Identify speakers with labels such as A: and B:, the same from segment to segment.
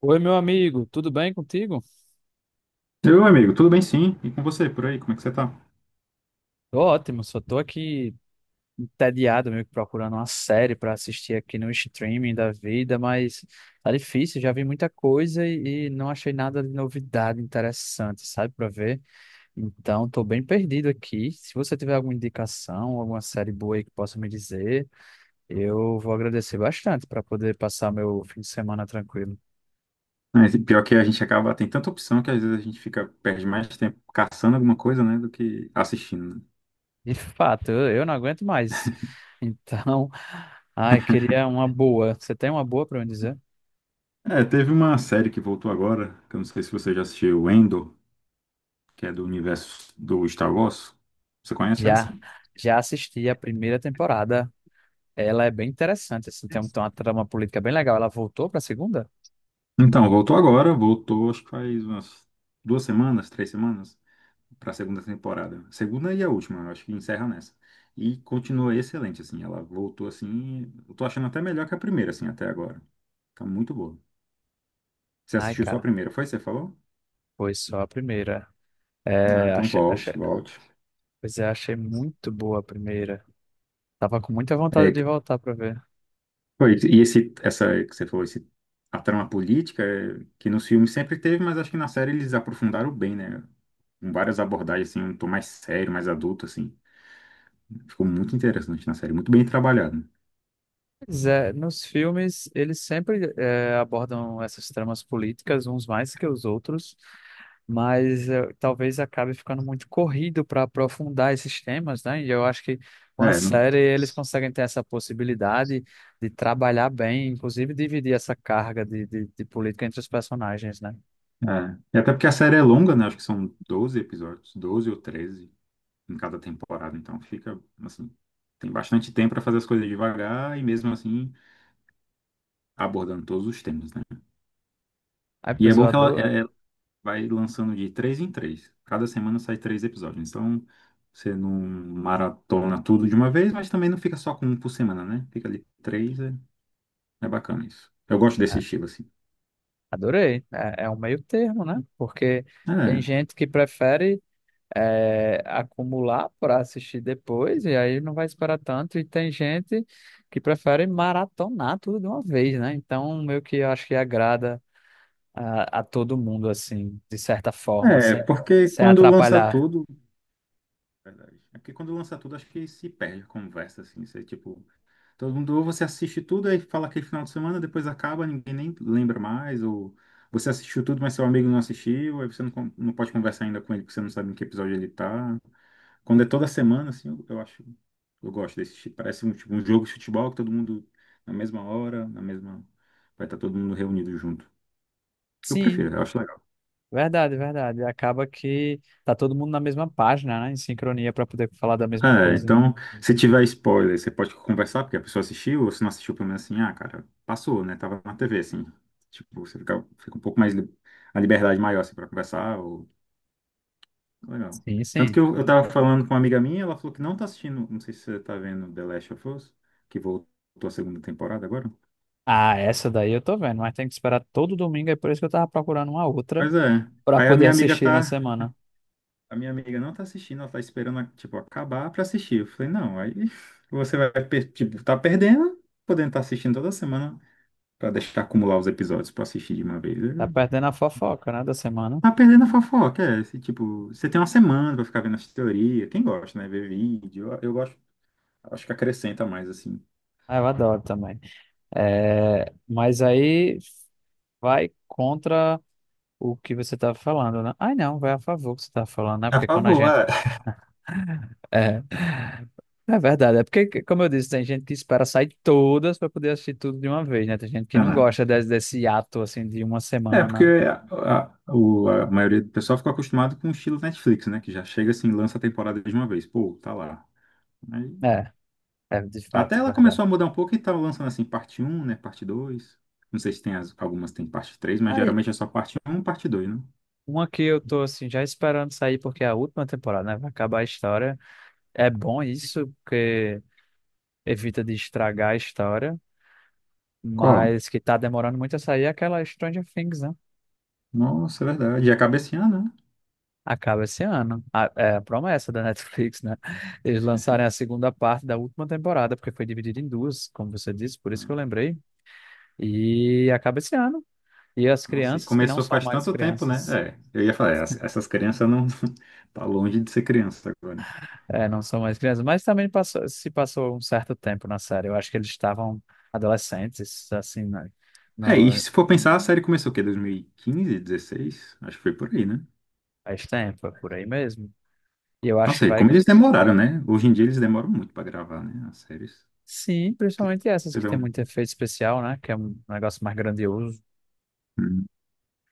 A: Oi, meu amigo, tudo bem contigo?
B: Meu amigo, tudo bem sim? E com você, por aí, como é que você tá?
A: Tô ótimo, só tô aqui entediado, meio que procurando uma série pra assistir aqui no streaming da vida, mas tá difícil, já vi muita coisa e não achei nada de novidade interessante, sabe, pra ver. Então, tô bem perdido aqui. Se você tiver alguma indicação, alguma série boa aí que possa me dizer, eu vou agradecer bastante pra poder passar meu fim de semana tranquilo.
B: Mas pior que a gente acaba, tem tanta opção que às vezes a gente fica, perde mais tempo caçando alguma coisa, né, do que assistindo, né?
A: De fato, eu não aguento mais. Então, ai, queria uma boa. Você tem uma boa para me dizer?
B: É, teve uma série que voltou agora, que eu não sei se você já assistiu, Andor, que é do universo do Star Wars. Você conhece essa?
A: Já, já assisti a primeira temporada. Ela é bem interessante, assim, tem uma trama política bem legal. Ela voltou para a segunda?
B: Então, voltou agora, voltou acho que faz umas duas semanas, três semanas. Para a segunda temporada. Segunda e a última, eu acho que encerra nessa. E continua excelente, assim. Ela voltou assim. Eu tô achando até melhor que a primeira, assim, até agora. Tá muito boa. Você
A: Ai,
B: assistiu só a
A: cara,
B: primeira, foi? Você falou?
A: foi só a primeira.
B: Ah,
A: É,
B: então
A: achei,
B: volte, volte.
A: pois é, achei muito boa a primeira. Tava com muita vontade
B: É,
A: de voltar para ver.
B: foi, e essa que você falou, esse, a trama política, é, que nos filmes sempre teve, mas acho que na série eles aprofundaram bem, né? Com várias abordagens, assim, um tom mais sério, mais adulto, assim. Ficou muito interessante na série, muito bem trabalhado.
A: Pois é, nos filmes eles sempre abordam essas tramas políticas, uns mais que os outros, mas talvez acabe ficando muito corrido para aprofundar esses temas, né? E eu acho que com a
B: É,
A: série eles conseguem ter essa possibilidade de trabalhar bem, inclusive dividir essa carga de política entre os personagens, né?
B: é. E até porque a série é longa, né? Acho que são 12 episódios, 12 ou 13 em cada temporada, então fica assim, tem bastante tempo para fazer as coisas devagar e mesmo assim abordando todos os temas, né?
A: Ai,
B: E é
A: pois eu
B: bom que ela,
A: adoro,
B: vai lançando de três em três. Cada semana sai três episódios. Então você não maratona tudo de uma vez, mas também não fica só com um por semana, né? Fica ali três, é, é bacana isso. Eu gosto desse
A: é,
B: estilo assim.
A: adorei. É, é um meio termo, né? Porque tem
B: É,
A: gente que prefere acumular para assistir depois e aí não vai esperar tanto, e tem gente que prefere maratonar tudo de uma vez, né? Então, meio que eu acho que agrada a todo mundo, assim, de certa forma,
B: é porque
A: sem
B: quando lança
A: atrapalhar.
B: tudo. Verdade. É porque quando lança tudo, acho que se perde a conversa, assim. Você, tipo, todo mundo, ou você assiste tudo aí fala aquele final de semana, depois acaba, ninguém nem lembra mais, ou você assistiu tudo, mas seu amigo não assistiu, aí você não, não pode conversar ainda com ele, porque você não sabe em que episódio ele tá. Quando é toda semana, assim, eu acho, eu gosto desse tipo. Parece um, tipo, um jogo de futebol que todo mundo, na mesma hora, na mesma. Vai estar todo mundo reunido junto. Eu
A: Sim,
B: prefiro, eu acho legal.
A: verdade, verdade. Acaba que tá todo mundo na mesma página, né? Em sincronia para poder falar da mesma
B: É,
A: coisa.
B: então, se tiver spoiler, você pode conversar, porque a pessoa assistiu, ou se não assistiu, pelo menos assim, ah, cara, passou, né? Tava na TV, assim. Tipo, você fica, fica um pouco mais. A liberdade maior, assim, pra conversar, ou. Legal.
A: Sim,
B: Tanto
A: sim.
B: que eu tava falando com uma amiga minha, ela falou que não tá assistindo, não sei se você tá vendo The Last of Us, que voltou a segunda temporada agora.
A: Ah, essa daí eu tô vendo, mas tem que esperar todo domingo, é por isso que eu tava procurando uma outra
B: Pois é.
A: para
B: Aí a
A: poder
B: minha amiga
A: assistir na
B: tá.
A: semana.
B: A minha amiga não tá assistindo, ela tá esperando, tipo, acabar pra assistir. Eu falei, não, aí você vai, tipo, tá perdendo, podendo estar assistindo toda semana. Pra deixar acumular os episódios pra assistir de uma vez.
A: Tá
B: É-
A: perdendo a fofoca, né, da semana.
B: Tá perdendo a fofoca, é. Esse, tipo, você tem uma semana pra ficar vendo as teorias. Quem gosta, né? Ver vídeo. Eu gosto. Acho que acrescenta mais, assim.
A: Ah, eu adoro também. É, mas aí vai contra o que você tava falando, né? Ai, não, vai a favor do que você tava falando, né?
B: A
A: Porque quando a
B: favor,
A: gente
B: é.
A: é, é verdade, é porque, como eu disse, tem gente que espera sair todas para poder assistir tudo de uma vez, né? Tem gente
B: É,
A: que não
B: né?
A: gosta desse ato, assim, de uma
B: É, porque
A: semana.
B: a maioria do pessoal ficou acostumado com o estilo Netflix, né? Que já chega assim, lança a temporada de uma vez. Pô, tá lá. Aí-
A: É, é de
B: até
A: fato, é
B: ela
A: verdade.
B: começou a mudar um pouco e tá lançando assim, parte um, né? Parte dois. Não sei se tem algumas tem parte três, mas
A: Aí,
B: geralmente é só parte um, parte dois, né?
A: uma que eu tô, assim, já esperando sair, porque é a última temporada, né? Vai acabar a história. É bom isso, porque evita de estragar a história,
B: Qual?
A: mas que tá demorando muito a sair é aquela Stranger Things, né?
B: Nossa, é verdade. E acaba esse ano, né?
A: Acaba esse ano. É a promessa da Netflix, né? Eles lançarem a segunda parte da última temporada, porque foi dividida em duas, como você disse, por isso que eu
B: Hum.
A: lembrei. E acaba esse ano. E as
B: Nossa, e
A: crianças, que não
B: começou
A: são
B: faz
A: mais
B: tanto tempo, né?
A: crianças,
B: É, eu ia falar, essas crianças não tá longe de ser criança agora.
A: é, não são mais crianças, mas também se passou um certo tempo na série. Eu acho que eles estavam adolescentes, assim, né?
B: É, e
A: No,
B: se for pensar, a série começou o quê? 2015, 16? Acho que foi por aí, né?
A: faz tempo, é por aí mesmo. E eu acho que
B: Nossa, e
A: vai.
B: como eles demoraram, né? Hoje em dia eles demoram muito pra gravar, né? As séries.
A: Sim, principalmente essas
B: Você
A: que
B: vê
A: tem
B: um...
A: muito efeito especial, né? Que é um negócio mais grandioso.
B: Hum.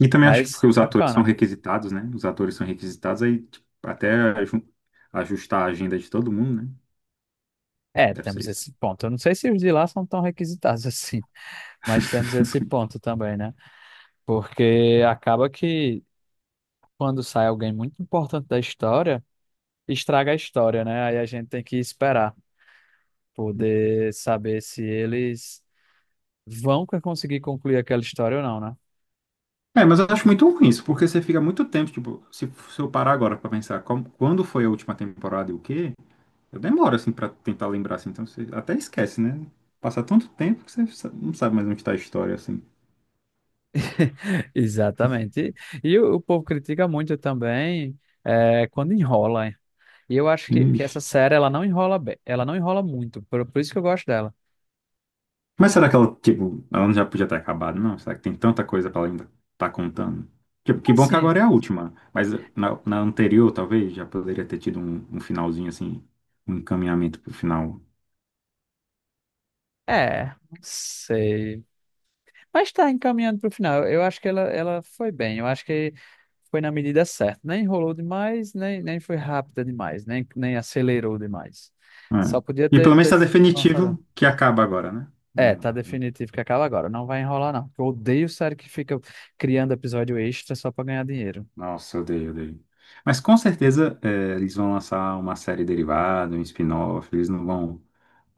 B: E também acho que
A: Mas
B: porque os atores são
A: bacana.
B: requisitados, né? Os atores são requisitados, aí tipo, até aju- ajustar a agenda de todo mundo, né?
A: É,
B: Deve ser
A: temos
B: isso.
A: esse ponto. Eu não sei se os de lá são tão requisitados assim, mas temos esse ponto também, né? Porque acaba que quando sai alguém muito importante da história, estraga a história, né? Aí a gente tem que esperar, poder saber se eles vão conseguir concluir aquela história ou não, né?
B: É, mas eu acho muito ruim isso, porque você fica muito tempo, tipo, se eu parar agora pra pensar quando foi a última temporada e o quê, eu demoro, assim, pra tentar lembrar, assim, então você até esquece, né? Passa tanto tempo que você não sabe mais onde tá a história, assim.
A: Exatamente. E o povo critica muito também quando enrola, hein? E eu acho que essa
B: Ixi.
A: série ela não enrola bem, ela não enrola muito, por isso que eu gosto dela.
B: Mas será que ela, tipo, ela não já podia ter acabado, não? Será que tem tanta coisa pra ela ainda tá contando? Tipo, que bom que
A: Assim.
B: agora é a última, mas na anterior, talvez, já poderia ter tido um finalzinho, assim, um encaminhamento pro final.
A: É, não sei. Mas tá encaminhando pro final. Eu acho que ela foi bem. Eu acho que foi na medida certa. Nem enrolou demais, nem foi rápida demais, nem acelerou demais.
B: É.
A: Só podia
B: E pelo menos
A: ter
B: tá
A: lançado.
B: definitivo que acaba agora, né?
A: É,
B: Não-
A: tá
B: não-
A: definitivo que acaba agora. Não vai enrolar, não. Eu odeio série que fica criando episódio extra só pra ganhar dinheiro.
B: Nossa, eu odeio, eu odeio. Mas com certeza é, eles vão lançar uma série derivada, um spin-off, eles não vão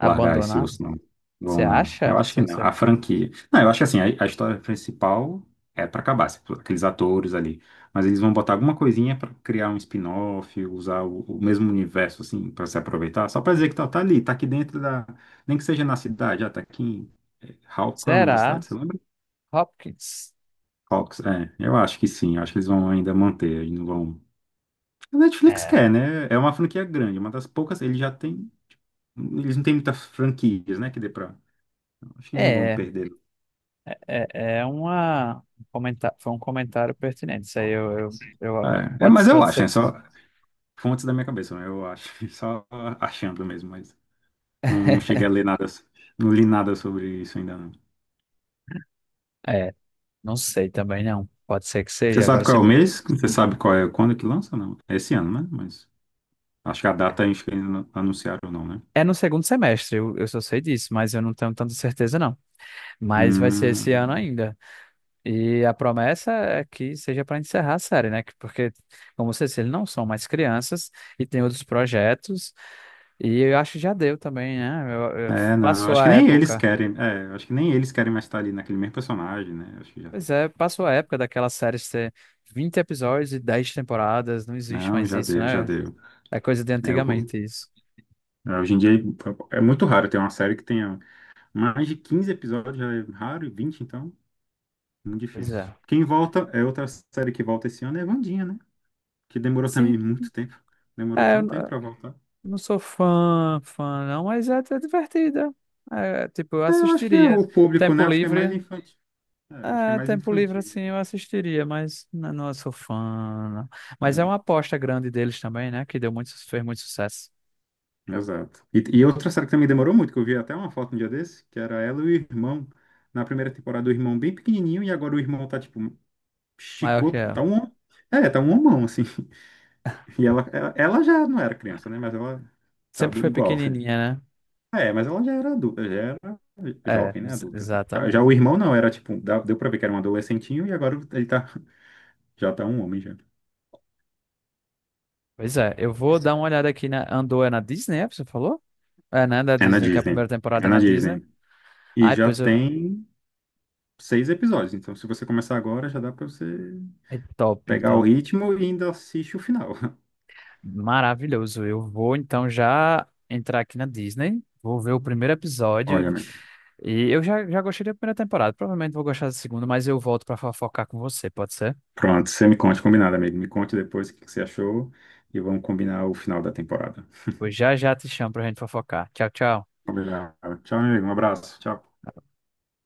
B: largar esse osso, não.
A: Você
B: Vão, não. Eu
A: acha?
B: acho
A: Se
B: que não.
A: você...
B: A franquia. Não, eu acho que assim, a história principal é para acabar, aqueles atores ali. Mas eles vão botar alguma coisinha para criar um spin-off, usar o mesmo universo, assim, para se aproveitar, só para dizer que tá, tá ali, tá aqui dentro da. Nem que seja na cidade, já tá aqui em. É, qual é o nome da cidade?
A: Será?
B: Você lembra?
A: Hopkins?
B: Hawks, é, eu acho que sim, eu acho que eles vão ainda manter, eles não vão. A Netflix
A: É.
B: quer, né? É uma franquia grande, é uma das poucas, eles já têm, eles não têm muitas franquias, né, que dê pra. Então, acho que eles não vão
A: É.
B: perder.
A: É, é uma foi um comentário pertinente. Isso aí eu,
B: É, é,
A: pode,
B: mas eu
A: pode
B: acho,
A: ser
B: né?
A: que sim.
B: Só fontes da minha cabeça, né? Eu acho, só achando mesmo, mas não, não cheguei a ler nada, não li nada sobre isso ainda não.
A: É, não sei também não. Pode ser que
B: Você
A: seja.
B: sabe qual é o mês? Você sabe qual é quando que lança? Não. É esse ano, né? Mas acho que a data acho que ainda não anunciaram não, né?
A: É no segundo semestre, eu só sei disso, mas eu não tenho tanta certeza não. Mas vai ser esse ano
B: Hum.
A: ainda. E a promessa é que seja para encerrar a série, né? Porque, como você disse, eles não são mais crianças e tem outros projetos. E eu acho que já deu também, né?
B: É, não,
A: Passou
B: acho
A: a
B: que nem eles
A: época.
B: querem, é, acho que nem eles querem mais estar ali naquele mesmo personagem, né? Acho que já,
A: Pois é, passou a época daquela série de ter 20 episódios e 10 temporadas, não existe
B: não,
A: mais
B: já
A: isso,
B: deu, já
A: né?
B: deu.
A: É coisa de
B: É, o-
A: antigamente isso.
B: é, hoje em dia é é muito raro ter uma série que tenha mais de 15 episódios, já é raro, e 20, então, muito
A: Pois é.
B: difícil. Quem volta, é outra série que volta esse ano, é Wandinha, né? Que demorou
A: Sim,
B: também muito tempo, demorou
A: é,
B: tanto tempo pra voltar.
A: não sou fã não, mas é divertida. É, tipo, eu
B: É, eu acho que é
A: assistiria.
B: o público,
A: Tempo
B: né? Acho que é mais
A: livre,
B: infantil, é, eu acho que é
A: é,
B: mais
A: tempo livre
B: infantil
A: assim
B: mesmo.
A: eu assistiria, mas não, sou fã, não. Mas é
B: Né.
A: uma aposta grande deles também, né? Que deu muito, fez muito sucesso.
B: Exato. E outra série que também demorou muito, que eu vi até uma foto um dia desse, que era ela e o irmão. Na primeira temporada, o irmão bem pequenininho, e agora o irmão tá, tipo,
A: Maior que
B: chicote, tá
A: ela.
B: um, é, tá um homão, assim. E ela já não era criança, né? Mas ela tá
A: Sempre
B: do,
A: foi
B: igual.
A: pequenininha, né?
B: É, mas ela já era adulta, já era
A: É,
B: jovem, né? Adulta. Já
A: exatamente.
B: o irmão não, era, tipo, deu pra ver que era um adolescentinho, e agora ele tá, já tá um homem, já.
A: Pois é, eu vou dar uma olhada aqui na Andor. É na Disney, é? Você falou? É, né? Da
B: É na
A: Disney, que é a primeira
B: Disney.
A: temporada
B: É
A: é
B: na
A: na Disney.
B: Disney. E
A: Ai,
B: já
A: pois eu...
B: tem 6 episódios, então se você começar agora, já dá pra você
A: é top,
B: pegar o
A: então.
B: ritmo e ainda assiste o final.
A: Maravilhoso. Eu vou então já entrar aqui na Disney, vou ver o primeiro episódio.
B: Olha, amigo.
A: E eu já gostei da primeira temporada. Provavelmente vou gostar da segunda, mas eu volto pra fofocar com você, pode ser?
B: Pronto, você me conte, combinado, amigo. Me conte depois o que que você achou e vamos combinar o final da temporada.
A: Pois já já te chamo pra gente fofocar. Tchau, tchau.
B: Combinado. Tchau, amigo. Um abraço. Tchau.